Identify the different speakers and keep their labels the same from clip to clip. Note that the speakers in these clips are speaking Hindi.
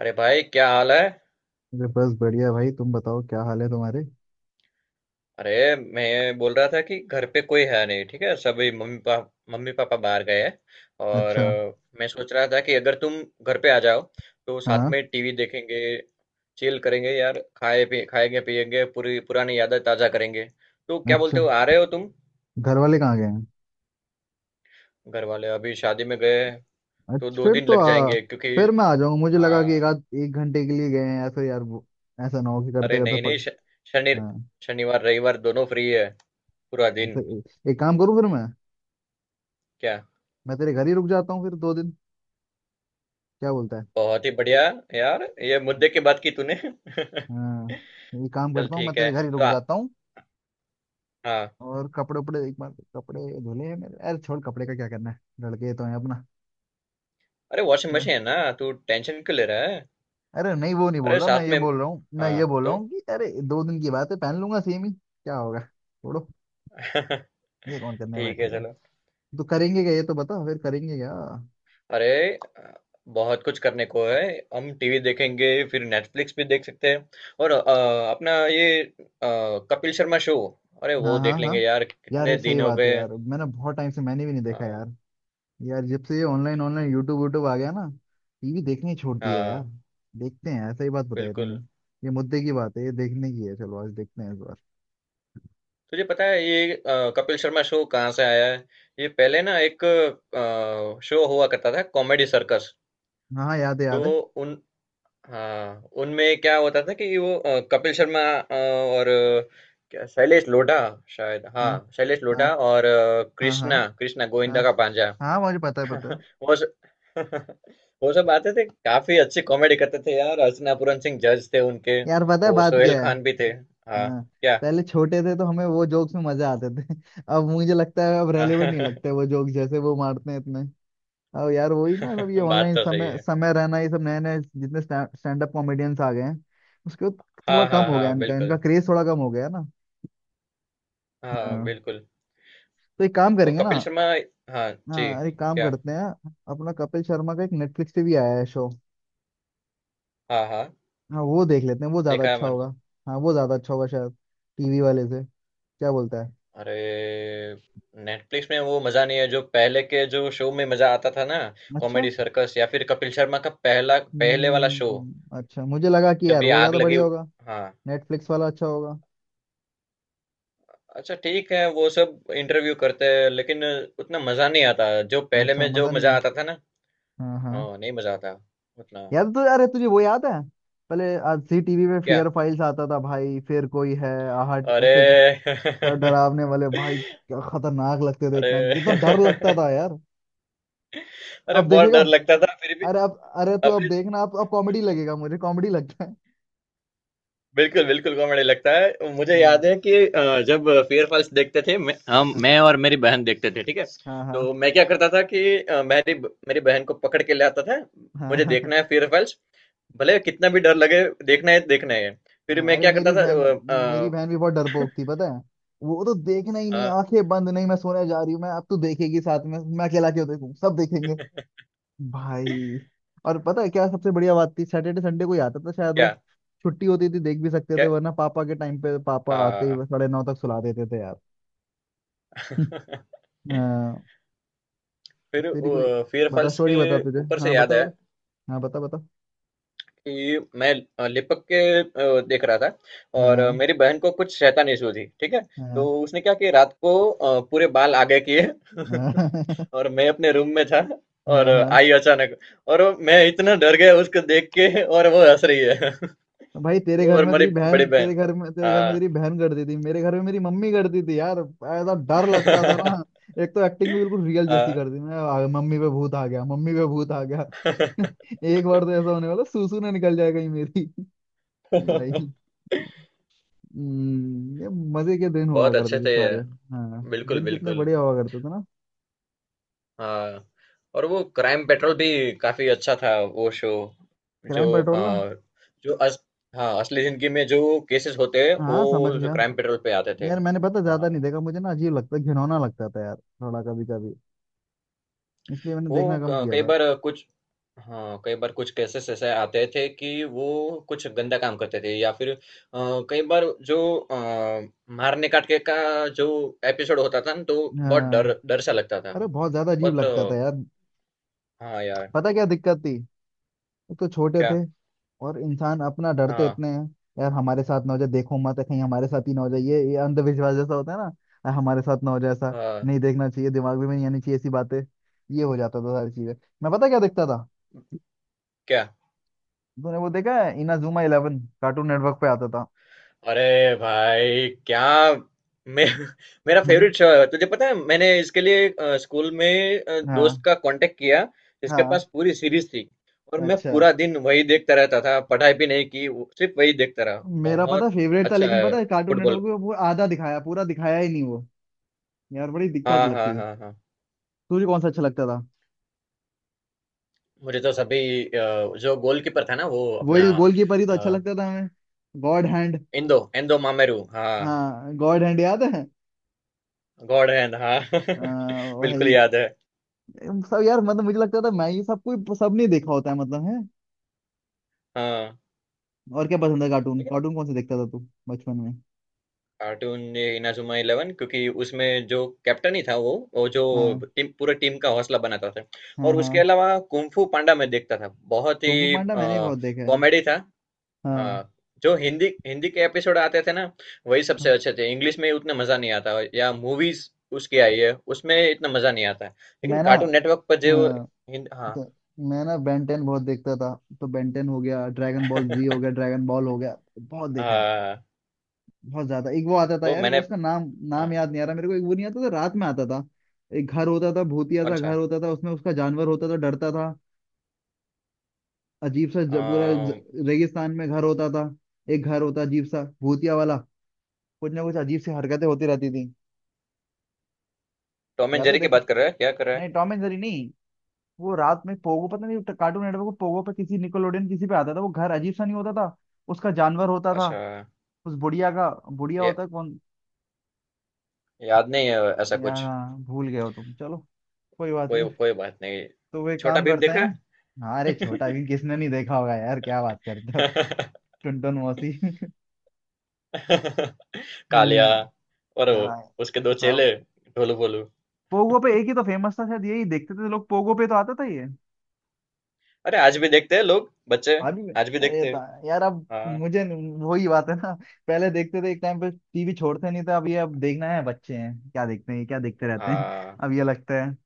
Speaker 1: अरे भाई क्या हाल है।
Speaker 2: अरे बस बढ़िया भाई। तुम बताओ क्या हाल है तुम्हारे।
Speaker 1: अरे मैं बोल रहा था कि घर पे कोई है नहीं, ठीक है, सभी मम्मी पापा बाहर गए हैं। और
Speaker 2: अच्छा।
Speaker 1: मैं सोच रहा था कि अगर तुम घर पे आ जाओ तो साथ
Speaker 2: हाँ।
Speaker 1: में टीवी देखेंगे, चिल करेंगे यार, खाए पी खाएंगे पिएंगे, पूरी पुरानी यादें ताजा करेंगे। तो क्या
Speaker 2: अच्छा,
Speaker 1: बोलते हो, आ रहे हो तुम?
Speaker 2: घर वाले कहाँ गए हैं?
Speaker 1: घर वाले अभी शादी में गए हैं, तो
Speaker 2: अच्छा
Speaker 1: दो
Speaker 2: फिर
Speaker 1: दिन
Speaker 2: तो
Speaker 1: लग जाएंगे क्योंकि
Speaker 2: फिर मैं आ जाऊंगा। मुझे
Speaker 1: हाँ।
Speaker 2: लगा कि एक आध एक घंटे के लिए गए हैं, या फिर यार वो ऐसा ना हो कि करते
Speaker 1: अरे
Speaker 2: करते
Speaker 1: नहीं नहीं
Speaker 2: पक।
Speaker 1: श- शनि
Speaker 2: हाँ।
Speaker 1: शनिवार रविवार दोनों फ्री है, पूरा
Speaker 2: हम
Speaker 1: दिन।
Speaker 2: फिर एक काम करूँ फिर मैं
Speaker 1: क्या?
Speaker 2: मैं तेरे घर ही रुक जाता हूँ फिर दो दिन। क्या बोलता है?
Speaker 1: बहुत ही बढ़िया। यार ये मुद्दे की बात की तूने।
Speaker 2: हाँ, ये काम
Speaker 1: चल
Speaker 2: करता हूँ, मैं
Speaker 1: ठीक है।
Speaker 2: तेरे घर ही
Speaker 1: तो
Speaker 2: रुक
Speaker 1: आ,
Speaker 2: जाता हूँ।
Speaker 1: हाँ।
Speaker 2: और कपड़े उपड़े एक बार। कपड़े धुले हैं मेरे। अरे छोड़, कपड़े का क्या करना है, लड़के तो हैं अपना।
Speaker 1: अरे वॉशिंग
Speaker 2: अच्छा।
Speaker 1: मशीन है ना, तू टेंशन क्यों ले रहा है?
Speaker 2: अरे नहीं, वो नहीं बोल
Speaker 1: अरे
Speaker 2: रहा मैं
Speaker 1: साथ
Speaker 2: ये
Speaker 1: में
Speaker 2: बोल रहा हूँ मैं ये
Speaker 1: हाँ
Speaker 2: बोल रहा
Speaker 1: तो
Speaker 2: हूँ कि अरे दो दिन की बात है, पहन लूंगा, सेम ही क्या होगा, छोड़ो। ये कौन करने
Speaker 1: ठीक है
Speaker 2: बैठेगा?
Speaker 1: चलो।
Speaker 2: तो करेंगे क्या? ये तो बता, फिर करेंगे क्या?
Speaker 1: अरे अ, बहुत कुछ करने को है। हम टीवी देखेंगे, फिर नेटफ्लिक्स भी देख सकते हैं। और अपना ये कपिल शर्मा शो अरे
Speaker 2: हाँ,
Speaker 1: वो
Speaker 2: हाँ,
Speaker 1: देख
Speaker 2: हाँ।
Speaker 1: लेंगे यार,
Speaker 2: यार
Speaker 1: कितने
Speaker 2: ये सही
Speaker 1: दिन हो
Speaker 2: बात है।
Speaker 1: गए।
Speaker 2: यार मैंने बहुत टाइम से मैंने भी नहीं देखा
Speaker 1: हाँ,
Speaker 2: यार। यार जब से ये ऑनलाइन ऑनलाइन यूट्यूब यूट्यूब आ गया ना, टीवी देखने ही छोड़ दिया है यार।
Speaker 1: हाँ,
Speaker 2: देखते हैं यार, सही बात बताई तूने।
Speaker 1: बिल्कुल।
Speaker 2: ये मुद्दे की बात है, ये देखने की है। चलो आज देखते हैं इस बार।
Speaker 1: तुझे पता है ये कपिल शर्मा शो कहाँ से आया है? ये पहले ना एक शो हुआ करता था, कॉमेडी सर्कस।
Speaker 2: हाँ, हाँ, याद है,
Speaker 1: तो
Speaker 2: याद है।
Speaker 1: उन हाँ, उनमें क्या होता था कि वो कपिल शर्मा और क्या शैलेश लोढ़ा, शायद। हाँ,
Speaker 2: हाँ,
Speaker 1: शैलेश
Speaker 2: हाँ,
Speaker 1: लोढ़ा और
Speaker 2: हाँ, हाँ,
Speaker 1: कृष्णा, कृष्णा
Speaker 2: हाँ,
Speaker 1: गोविंदा का भांजा।
Speaker 2: हाँ, मुझे पता है, पता है।
Speaker 1: वो स- वो सब आते थे, काफी अच्छी कॉमेडी करते थे यार। अर्चना पूरन सिंह जज थे उनके।
Speaker 2: यार पता है
Speaker 1: वो
Speaker 2: बात क्या
Speaker 1: सोहेल
Speaker 2: है?
Speaker 1: खान भी थे। हाँ।
Speaker 2: हाँ।
Speaker 1: क्या?
Speaker 2: पहले छोटे थे तो हमें वो जोक्स में मजा आते थे। अब मुझे लगता है, अब रेलेवेंट नहीं लगता है वो जोक्स, जैसे वो मारते हैं इतने। अब यार वही ना, सब ये
Speaker 1: बात
Speaker 2: ऑनलाइन
Speaker 1: तो सही
Speaker 2: समय
Speaker 1: है।
Speaker 2: समय रहना, ये सब नए नए जितने स्टैंड अप कॉमेडियंस आ गए हैं उसके बाद थोड़ा
Speaker 1: हाँ,
Speaker 2: कम
Speaker 1: हाँ,
Speaker 2: हो गया।
Speaker 1: हाँ,
Speaker 2: हाँ, इनका इनका
Speaker 1: बिल्कुल।
Speaker 2: क्रेज थोड़ा कम हो गया है ना।
Speaker 1: हाँ,
Speaker 2: हाँ,
Speaker 1: बिल्कुल।
Speaker 2: तो एक काम
Speaker 1: वो
Speaker 2: करेंगे ना।
Speaker 1: कपिल शर्मा हाँ, जी।
Speaker 2: हाँ, एक काम
Speaker 1: क्या?
Speaker 2: करते हैं। अपना कपिल शर्मा का एक नेटफ्लिक्स पे भी आया है शो।
Speaker 1: हाँ, हाँ,
Speaker 2: हाँ, वो देख लेते हैं, वो ज्यादा
Speaker 1: देखा है
Speaker 2: अच्छा
Speaker 1: मैंने।
Speaker 2: होगा। हाँ, वो ज्यादा अच्छा होगा शायद, टीवी वाले से। क्या बोलता है?
Speaker 1: अरे! नेटफ्लिक्स में वो मज़ा नहीं है, जो पहले के जो शो में मज़ा आता था ना,
Speaker 2: अच्छा।
Speaker 1: कॉमेडी सर्कस या फिर कपिल शर्मा का पहला पहले वाला शो,
Speaker 2: हम्म, अच्छा, मुझे लगा कि
Speaker 1: जब
Speaker 2: यार
Speaker 1: ये
Speaker 2: वो
Speaker 1: आग
Speaker 2: ज्यादा
Speaker 1: लगी।
Speaker 2: बढ़िया होगा,
Speaker 1: हाँ।
Speaker 2: नेटफ्लिक्स वाला अच्छा होगा।
Speaker 1: अच्छा ठीक है, वो सब इंटरव्यू करते हैं, लेकिन उतना मज़ा नहीं आता, जो पहले
Speaker 2: अच्छा,
Speaker 1: में जो
Speaker 2: मजा नहीं
Speaker 1: मज़ा
Speaker 2: है।
Speaker 1: आता था ना।
Speaker 2: हाँ, हाँ।
Speaker 1: हाँ, नहीं मज़ा आता उतना।
Speaker 2: याद तो यार है, तुझे वो याद है? पहले आज जी टीवी पे
Speaker 1: क्या?
Speaker 2: फेयर फाइल्स आता था भाई, फिर कोई है, आहट, ऐसे कुछ।
Speaker 1: अरे!
Speaker 2: सारे डरावने वाले भाई, क्या खतरनाक लगते थे, एक
Speaker 1: अरे!
Speaker 2: टाइम कितना डर लगता था यार।
Speaker 1: अरे
Speaker 2: अब
Speaker 1: बहुत
Speaker 2: देखेगा,
Speaker 1: डर लगता था फिर भी।
Speaker 2: अरे अब, अरे तू अब
Speaker 1: अभी
Speaker 2: देखना, अब कॉमेडी लगेगा, मुझे कॉमेडी लगता है।
Speaker 1: बिल्कुल बिल्कुल कॉमेडी लगता है। मुझे याद
Speaker 2: हाँ,
Speaker 1: है कि जब फेयर फॉल्स देखते थे, मैं, हम
Speaker 2: हाँ,
Speaker 1: मैं और मेरी बहन देखते थे, ठीक है। तो
Speaker 2: हाँ,
Speaker 1: मैं क्या करता था कि अ, मेरी मेरी बहन को पकड़ के ले आता था।
Speaker 2: हाँ,
Speaker 1: मुझे
Speaker 2: हाँ।
Speaker 1: देखना है फेयर फॉल्स, भले कितना भी डर लगे, देखना है, देखना है। फिर
Speaker 2: हाँ।
Speaker 1: मैं
Speaker 2: अरे,
Speaker 1: क्या करता
Speaker 2: मेरी बहन
Speaker 1: था
Speaker 2: मेरी बहन भी बहुत डरपोक थी, पता है। वो तो देखना ही
Speaker 1: अ,
Speaker 2: नहीं,
Speaker 1: अ,
Speaker 2: आंखें बंद, नहीं मैं सोने जा रही हूँ मैं, अब तू देखेगी साथ में, मैं अकेला क्यों देखूं, सब देखेंगे। भाई। और पता है क्या सबसे बढ़िया बात थी, सैटरडे संडे को ही आता था शायद
Speaker 1: क्या
Speaker 2: वो, छुट्टी होती थी देख भी सकते थे,
Speaker 1: क्या
Speaker 2: वरना पापा के टाइम पे पापा आते ही
Speaker 1: आ,
Speaker 2: बस साढ़े नौ तक सुला देते थे यार। हाँ।
Speaker 1: फिर
Speaker 2: तेरी कोई
Speaker 1: फेयर
Speaker 2: बता,
Speaker 1: फॉल्स
Speaker 2: स्टोरी
Speaker 1: के
Speaker 2: बता तुझे,
Speaker 1: ऊपर से
Speaker 2: हाँ,
Speaker 1: याद
Speaker 2: बता
Speaker 1: है
Speaker 2: बता। हाँ, बता बता।
Speaker 1: कि मैं लिपक के देख रहा था, और
Speaker 2: हाँ,
Speaker 1: मेरी बहन को कुछ शैतान इशू थी, ठीक है। तो
Speaker 2: हाँ,
Speaker 1: उसने क्या किया, रात को पूरे बाल आगे किए।
Speaker 2: हाँ।
Speaker 1: और मैं अपने रूम में था, और
Speaker 2: हाँ, हाँ।
Speaker 1: आई अचानक, और मैं इतना डर गया उसको देख के, और वो हंस रही है।
Speaker 2: भाई, तेरे
Speaker 1: वो
Speaker 2: घर
Speaker 1: और
Speaker 2: में
Speaker 1: मेरी
Speaker 2: तेरी बहन,
Speaker 1: बड़ी
Speaker 2: तेरे
Speaker 1: बहन।
Speaker 2: घर में तेरे घर में
Speaker 1: हाँ।
Speaker 2: तेरी बहन करती थी, मेरे घर में मेरी मम्मी करती थी यार, ऐसा डर लगता था ना। एक तो एक्टिंग भी बिल्कुल रियल जैसी
Speaker 1: हाँ।
Speaker 2: करती थी। मैं मम्मी पे भूत आ गया, मम्मी पे भूत आ गया। एक बार तो ऐसा होने वाला, सूसू ना निकल जाए कहीं मेरी। भाई। ये मजे के दिन हुआ
Speaker 1: बहुत
Speaker 2: करते
Speaker 1: अच्छे
Speaker 2: थे
Speaker 1: थे ये,
Speaker 2: सारे। हाँ।
Speaker 1: बिल्कुल
Speaker 2: दिन कितने
Speaker 1: बिल्कुल।
Speaker 2: बढ़िया हुआ करते थे ना।
Speaker 1: हाँ। और वो क्राइम पेट्रोल भी काफी अच्छा था वो शो। जो
Speaker 2: क्राइम पेट्रोल ना।
Speaker 1: अ, जो अस, हाँ, असली जिंदगी में जो केसेस होते हैं
Speaker 2: हाँ, समझ
Speaker 1: वो
Speaker 2: गया।
Speaker 1: क्राइम पेट्रोल पे आते थे।
Speaker 2: यार मैंने पता
Speaker 1: हाँ, हाँ।
Speaker 2: ज्यादा नहीं
Speaker 1: हाँ।
Speaker 2: देखा, मुझे ना अजीब लगता, घिनौना लगता था यार, थोड़ा कभी कभी, इसलिए मैंने
Speaker 1: वो
Speaker 2: देखना कम किया
Speaker 1: कई
Speaker 2: था।
Speaker 1: बार कुछ हाँ, कई बार कुछ केसेस ऐसे आते थे कि वो कुछ गंदा काम करते थे, या फिर कई बार जो अ, मारने काट के का जो एपिसोड होता था ना, तो बहुत डर
Speaker 2: हाँ,
Speaker 1: डर सा लगता था।
Speaker 2: अरे बहुत ज्यादा अजीब
Speaker 1: बहुत
Speaker 2: लगता था यार।
Speaker 1: हाँ यार।
Speaker 2: पता क्या दिक्कत थी? एक तो छोटे
Speaker 1: क्या?
Speaker 2: थे, और इंसान अपना डरते
Speaker 1: हाँ,
Speaker 2: इतने हैं। यार हमारे साथ ना हो जाए, देखो मत, कहीं हमारे साथ ही ना हो जाए, ये अंधविश्वास जैसा होता है ना। "अरे हमारे साथ ना हो जाए ऐसा,
Speaker 1: हाँ।
Speaker 2: नहीं देखना चाहिए, दिमाग में नहीं आनी चाहिए ऐसी बातें। ये हो जाता था सारी चीजें। मैं पता क्या देखता था?
Speaker 1: क्या?
Speaker 2: तूने वो देखा है इनाजुमा इलेवन, कार्टून नेटवर्क पे आता था।
Speaker 1: अरे भाई क्या! मैं मेरा
Speaker 2: हम्म।
Speaker 1: फेवरेट शो है, तुझे पता है मैंने इसके लिए स्कूल में दोस्त
Speaker 2: हाँ,
Speaker 1: का कांटेक्ट किया, जिसके
Speaker 2: हाँ।
Speaker 1: पास पूरी सीरीज थी। और मैं
Speaker 2: अच्छा।
Speaker 1: पूरा दिन वही देखता रहता था, पढ़ाई भी नहीं की, सिर्फ वही देखता रहा
Speaker 2: मेरा पता
Speaker 1: बहुत।
Speaker 2: फेवरेट था,
Speaker 1: अच्छा
Speaker 2: लेकिन
Speaker 1: है
Speaker 2: पता है कार्टून नेटवर्क
Speaker 1: फुटबॉल।
Speaker 2: पे वो आधा दिखाया, पूरा दिखाया ही नहीं वो। यार बड़ी दिक्कत
Speaker 1: हाँ,
Speaker 2: लगती
Speaker 1: हाँ,
Speaker 2: थी।
Speaker 1: हाँ, हाँ।
Speaker 2: तुझे कौन सा अच्छा लगता?
Speaker 1: मुझे तो सभी जो गोलकीपर था ना, वो अपना
Speaker 2: वही गोलकीपर ही तो अच्छा
Speaker 1: अ,
Speaker 2: लगता था हमें। God hand.
Speaker 1: इंदो इंदो मामेरू, हाँ,
Speaker 2: हाँ, गॉड हैंड याद है।
Speaker 1: गॉड हैंड, हाँ। बिल्कुल
Speaker 2: भाई,
Speaker 1: याद है।
Speaker 2: सब यार मतलब, मुझे लगता था मैं ये सब, कोई सब नहीं देखा होता है, मतलब है।
Speaker 1: हाँ।
Speaker 2: और क्या पसंद है? कार्टून कार्टून कौन से देखता था तू बचपन में?
Speaker 1: कार्टून ये इनाजुमा इलेवन, क्योंकि उसमें जो कैप्टन ही था, वो जो
Speaker 2: हाँ,
Speaker 1: टीम, पूरे टीम का हौसला बनाता था।
Speaker 2: हाँ।
Speaker 1: और उसके
Speaker 2: हाँ।
Speaker 1: अलावा कुंफू पांडा मैं देखता था, बहुत ही
Speaker 2: कुंग फू पांडा मैंने भी बहुत देखा है।
Speaker 1: कॉमेडी था। हाँ।
Speaker 2: हाँ,
Speaker 1: जो हिंदी हिंदी के एपिसोड आते थे ना, वही सबसे
Speaker 2: हाँ।
Speaker 1: अच्छे थे। इंग्लिश में उतना मजा नहीं आता, या मूवीज उसकी आई है उसमें इतना मजा नहीं आता। लेकिन
Speaker 2: मैं ना।
Speaker 1: कार्टून नेटवर्क पर जो
Speaker 2: हाँ।
Speaker 1: हिंद हाँ
Speaker 2: तो मैं ना बेंटेन बहुत देखता था, तो बेंटेन हो गया, ड्रैगन बॉल जी हो गया, ड्रैगन बॉल हो गया, बहुत देखा है।
Speaker 1: हाँ,
Speaker 2: बहुत ज्यादा, एक वो आता था
Speaker 1: वो
Speaker 2: यार, वो
Speaker 1: मैंने
Speaker 2: उसका नाम, नाम
Speaker 1: हाँ,
Speaker 2: याद नहीं आ रहा मेरे को, एक वो नहीं आता था, रात में आता था। एक घर होता था, भूतिया
Speaker 1: कौन
Speaker 2: सा घर
Speaker 1: सा
Speaker 2: होता था, उसमें उसका जानवर होता था, डरता था। अजीब सा
Speaker 1: अ,
Speaker 2: पूरा रेगिस्तान में घर होता था। एक घर होता अजीब सा भूतिया वाला, कुछ ना कुछ अजीब सी हरकतें होती रहती थी।
Speaker 1: टॉम एंड
Speaker 2: याद है
Speaker 1: जेरी की
Speaker 2: देखो।
Speaker 1: बात कर रहा है क्या, कर रहा
Speaker 2: नहीं
Speaker 1: है?
Speaker 2: टॉम एंड जेरी नहीं, वो रात में पोगो, पता नहीं कार्टून नेटवर्क को पोगो पे किसी निकोलोडियन किसी पे आता था, वो घर अजीब सा नहीं होता था? उसका जानवर होता था,
Speaker 1: अच्छा,
Speaker 2: उस बुढ़िया का। बुढ़िया होता है कौन?
Speaker 1: याद नहीं है ऐसा
Speaker 2: यार
Speaker 1: कुछ।
Speaker 2: हाँ, भूल गए हो तुम, चलो, कोई बात
Speaker 1: कोई
Speaker 2: नहीं।
Speaker 1: कोई बात नहीं।
Speaker 2: तो वे
Speaker 1: छोटा
Speaker 2: काम
Speaker 1: भीम
Speaker 2: करते
Speaker 1: देखा
Speaker 2: हैं।
Speaker 1: है?
Speaker 2: हाँ, अरे छोटा भीम किसने नहीं देखा होगा यार, क्या बात करते हो? टुनटुन मौसी।
Speaker 1: कालिया
Speaker 2: हम्म।
Speaker 1: और
Speaker 2: हाँ,
Speaker 1: उसके दो
Speaker 2: सब
Speaker 1: चेले, ढोलू भोलू।
Speaker 2: पोगो पे एक ही तो फेमस था शायद, यही देखते थे लोग, पोगो पे तो आता था ये।
Speaker 1: अरे आज भी देखते हैं लोग, बच्चे।
Speaker 2: अभी
Speaker 1: आज भी
Speaker 2: अरे
Speaker 1: देखते
Speaker 2: तो,
Speaker 1: हैं।
Speaker 2: यार अब
Speaker 1: हाँ,
Speaker 2: मुझे वही बात है ना। पहले देखते थे, एक टाइम पे टीवी छोड़ते नहीं थे। अब ये, अब देखना है बच्चे हैं क्या देखते हैं, ये क्या देखते रहते हैं।
Speaker 1: हाँ,
Speaker 2: अब ये लगता है।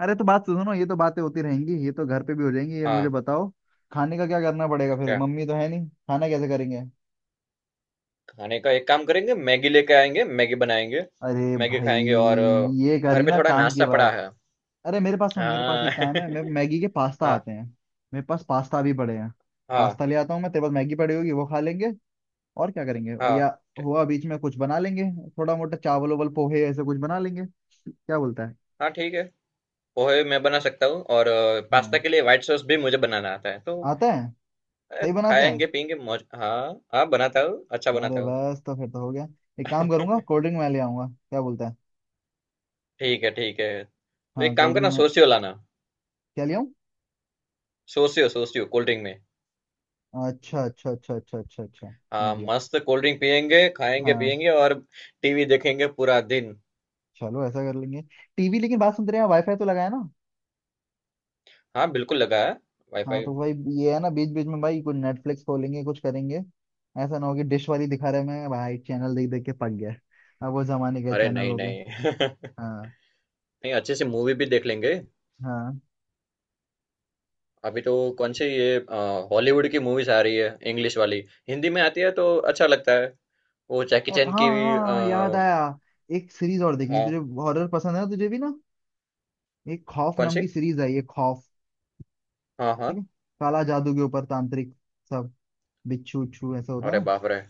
Speaker 2: अरे तो बात सुनो ना, ये तो बातें होती रहेंगी, ये तो घर पे भी हो जाएंगी, ये मुझे
Speaker 1: हाँ।
Speaker 2: बताओ। खाने का क्या करना पड़ेगा फिर?
Speaker 1: क्या?
Speaker 2: मम्मी तो है नहीं, खाना कैसे करेंगे?
Speaker 1: खाने का एक काम करेंगे, मैगी लेके आएंगे, मैगी बनाएंगे,
Speaker 2: अरे
Speaker 1: मैगी
Speaker 2: भाई,
Speaker 1: खाएंगे। और
Speaker 2: ये
Speaker 1: घर
Speaker 2: करी
Speaker 1: पे
Speaker 2: ना
Speaker 1: थोड़ा
Speaker 2: काम की
Speaker 1: नाश्ता पड़ा
Speaker 2: बात।
Speaker 1: है।
Speaker 2: अरे मेरे पास सुन, मेरे पास
Speaker 1: हाँ।
Speaker 2: एक काम है, मैं मैगी के पास्ता
Speaker 1: हाँ,
Speaker 2: आते हैं। मेरे पास पास्ता भी पड़े हैं।
Speaker 1: हाँ,
Speaker 2: पास्ता ले आता हूँ मैं, तेरे पास मैगी पड़ी होगी वो खा लेंगे। और क्या करेंगे
Speaker 1: हाँ,
Speaker 2: या
Speaker 1: ठी-
Speaker 2: हुआ बीच में कुछ बना लेंगे। थोड़ा मोटा चावल उवल पोहे, ऐसे कुछ बना लेंगे। क्या बोलता है?
Speaker 1: हाँ ठीक है। पोहे मैं बना सकता हूँ, और पास्ता
Speaker 2: हाँ,
Speaker 1: के लिए व्हाइट सॉस भी मुझे बनाना आता है, तो
Speaker 2: आता है। सही बनाता है।
Speaker 1: खाएंगे पियेंगे मौज। हाँ, हाँ, बनाता हूँ, अच्छा
Speaker 2: अरे
Speaker 1: बनाता हूँ।
Speaker 2: बस, तो फिर तो हो गया। एक काम करूंगा, कोल्ड ड्रिंक मैं ले आऊंगा, क्या बोलता है?
Speaker 1: ठीक है ठीक है। तो
Speaker 2: हाँ,
Speaker 1: एक काम
Speaker 2: कोल्ड ड्रिंक
Speaker 1: करना,
Speaker 2: में
Speaker 1: सोसियो लाना।
Speaker 2: क्या ले आऊं?
Speaker 1: सोसियो, सोसियो कोल्ड ड्रिंक में।
Speaker 2: अच्छा, अच्छा, अच्छा, अच्छा, अच्छा, अच्छा, समझ
Speaker 1: हाँ,
Speaker 2: गया।
Speaker 1: मस्त कोल्ड ड्रिंक पियेंगे, खाएंगे
Speaker 2: हाँ,
Speaker 1: पियेंगे, और टीवी देखेंगे पूरा दिन।
Speaker 2: चलो ऐसा कर लेंगे। टीवी, लेकिन बात सुन, तेरे यहाँ वाईफाई तो लगाया ना?
Speaker 1: हाँ, बिल्कुल लगा है
Speaker 2: हाँ,
Speaker 1: वाईफाई।
Speaker 2: तो भाई ये है ना, बीच बीच में भाई कुछ नेटफ्लिक्स खोलेंगे, कुछ करेंगे। ऐसा ना हो कि डिश वाली दिखा रहे मैं, भाई चैनल देख देख के पक गया, अब वो जमाने के
Speaker 1: अरे
Speaker 2: चैनल
Speaker 1: नहीं
Speaker 2: हो गए।
Speaker 1: नहीं।
Speaker 2: हाँ,
Speaker 1: नहीं, अच्छे से मूवी भी देख लेंगे।
Speaker 2: हाँ,
Speaker 1: अभी तो कौन सी ये हॉलीवुड की मूवीज आ रही है, इंग्लिश वाली, हिंदी में आती है तो अच्छा लगता है। वो जैकी
Speaker 2: अरे
Speaker 1: चैन
Speaker 2: हाँ,
Speaker 1: की भी,
Speaker 2: हाँ, याद आया। एक सीरीज और देखेंगे, तुझे
Speaker 1: हाँ।
Speaker 2: हॉरर पसंद है ना, तुझे भी ना। एक खौफ
Speaker 1: कौन
Speaker 2: नाम
Speaker 1: सी?
Speaker 2: की सीरीज आई है, खौफ।
Speaker 1: हाँ, हाँ।
Speaker 2: ठीक है, काला जादू के ऊपर, तांत्रिक, सब, बिच्छू उच्छू ऐसा होता
Speaker 1: अरे
Speaker 2: है
Speaker 1: बाप
Speaker 2: ना।
Speaker 1: रे!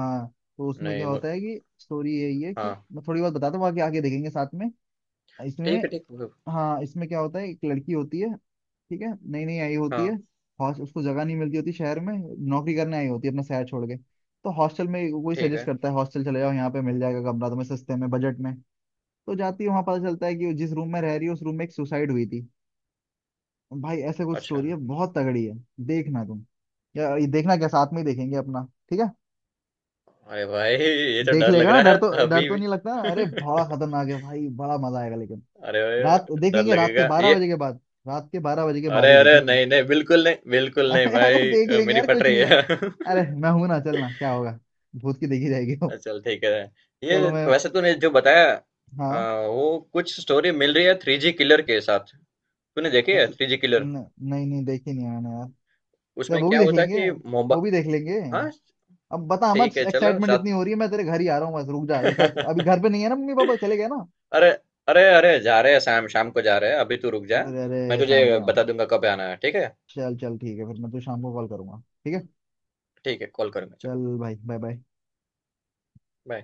Speaker 2: हाँ, तो उसमें क्या
Speaker 1: नहीं मु-
Speaker 2: होता है कि स्टोरी यही है, कि
Speaker 1: हाँ
Speaker 2: मैं थोड़ी बहुत बताता हूँ, बाकी आगे देखेंगे साथ में।
Speaker 1: ठीक है,
Speaker 2: इसमें,
Speaker 1: ठीक है।
Speaker 2: हाँ, इसमें क्या होता है, एक लड़की होती है, ठीक है, नई नई आई होती
Speaker 1: हाँ,
Speaker 2: है। हॉस उसको जगह नहीं मिलती होती शहर में, नौकरी करने आई होती है अपना शहर छोड़ के। तो हॉस्टल में कोई
Speaker 1: ठीक
Speaker 2: सजेस्ट
Speaker 1: है।
Speaker 2: करता है, हॉस्टल चले जाओ, यहाँ पे मिल जाएगा कमरा तुम्हें सस्ते में, बजट में। तो जाती है वहां, पता चलता है कि जिस रूम में रह रही है, उस रूम में एक सुसाइड हुई थी। भाई ऐसे कुछ
Speaker 1: अच्छा।
Speaker 2: स्टोरी है, बहुत तगड़ी है। देखना तुम, या ये देखना क्या, साथ में ही देखेंगे अपना। ठीक है,
Speaker 1: अरे भाई ये तो
Speaker 2: देख
Speaker 1: डर
Speaker 2: लेगा
Speaker 1: लग
Speaker 2: ना,
Speaker 1: रहा
Speaker 2: डर तो
Speaker 1: है,
Speaker 2: डर
Speaker 1: अभी
Speaker 2: तो
Speaker 1: भी।
Speaker 2: नहीं लगता ना? अरे बड़ा खतरनाक है भाई, बड़ा मजा आएगा लेकिन।
Speaker 1: अरे
Speaker 2: रात
Speaker 1: भाई डर
Speaker 2: देखेंगे, रात के
Speaker 1: लगेगा
Speaker 2: 12
Speaker 1: ये।
Speaker 2: बजे के बाद। रात के बारह बजे के बाद
Speaker 1: अरे
Speaker 2: ही
Speaker 1: अरे
Speaker 2: देखेंगे।
Speaker 1: नहीं नहीं, बिल्कुल नहीं, बिल्कुल नहीं
Speaker 2: अरे, अरे,
Speaker 1: भाई,
Speaker 2: देख लेंगे
Speaker 1: मेरी
Speaker 2: यार,
Speaker 1: फट
Speaker 2: कुछ
Speaker 1: रही
Speaker 2: नहीं हुआ।
Speaker 1: है।
Speaker 2: अरे मैं हूं ना, चलना क्या होगा, भूत की देखी जाएगी वो।
Speaker 1: चल ठीक है। ये
Speaker 2: चलो मैं,
Speaker 1: वैसे तूने जो बताया
Speaker 2: हाँ
Speaker 1: वो कुछ स्टोरी मिल रही है थ्री जी किलर के साथ। तूने देखी है
Speaker 2: ऐसी
Speaker 1: थ्री जी किलर?
Speaker 2: न, नहीं, नहीं देखी नहीं मैंने यार। चल
Speaker 1: उसमें
Speaker 2: वो भी
Speaker 1: क्या
Speaker 2: देख
Speaker 1: होता है
Speaker 2: लेंगे,
Speaker 1: कि
Speaker 2: वो
Speaker 1: मोबा
Speaker 2: भी देख लेंगे।
Speaker 1: हाँ
Speaker 2: अब बता मत,
Speaker 1: ठीक है, चलो
Speaker 2: एक्साइटमेंट
Speaker 1: साथ।
Speaker 2: इतनी हो रही है, मैं तेरे घर ही आ रहा हूँ बस, रुक जा एक आध, अभी घर पे नहीं है ना मम्मी पापा, चले गए ना?
Speaker 1: अरे अरे अरे जा रहे हैं, शाम शाम को जा रहे हैं, अभी तू रुक
Speaker 2: तो
Speaker 1: जा।
Speaker 2: फिर
Speaker 1: मैं
Speaker 2: अरे
Speaker 1: तुझे
Speaker 2: शाम को ही
Speaker 1: बता
Speaker 2: आऊँ?
Speaker 1: दूंगा कब आना है, ठीक है।
Speaker 2: चल चल, ठीक है, फिर मैं तुझे शाम को कॉल करूंगा। ठीक है।
Speaker 1: ठीक है, कॉल करूंगा, चल,
Speaker 2: चल भाई, बाय बाय।
Speaker 1: बाय।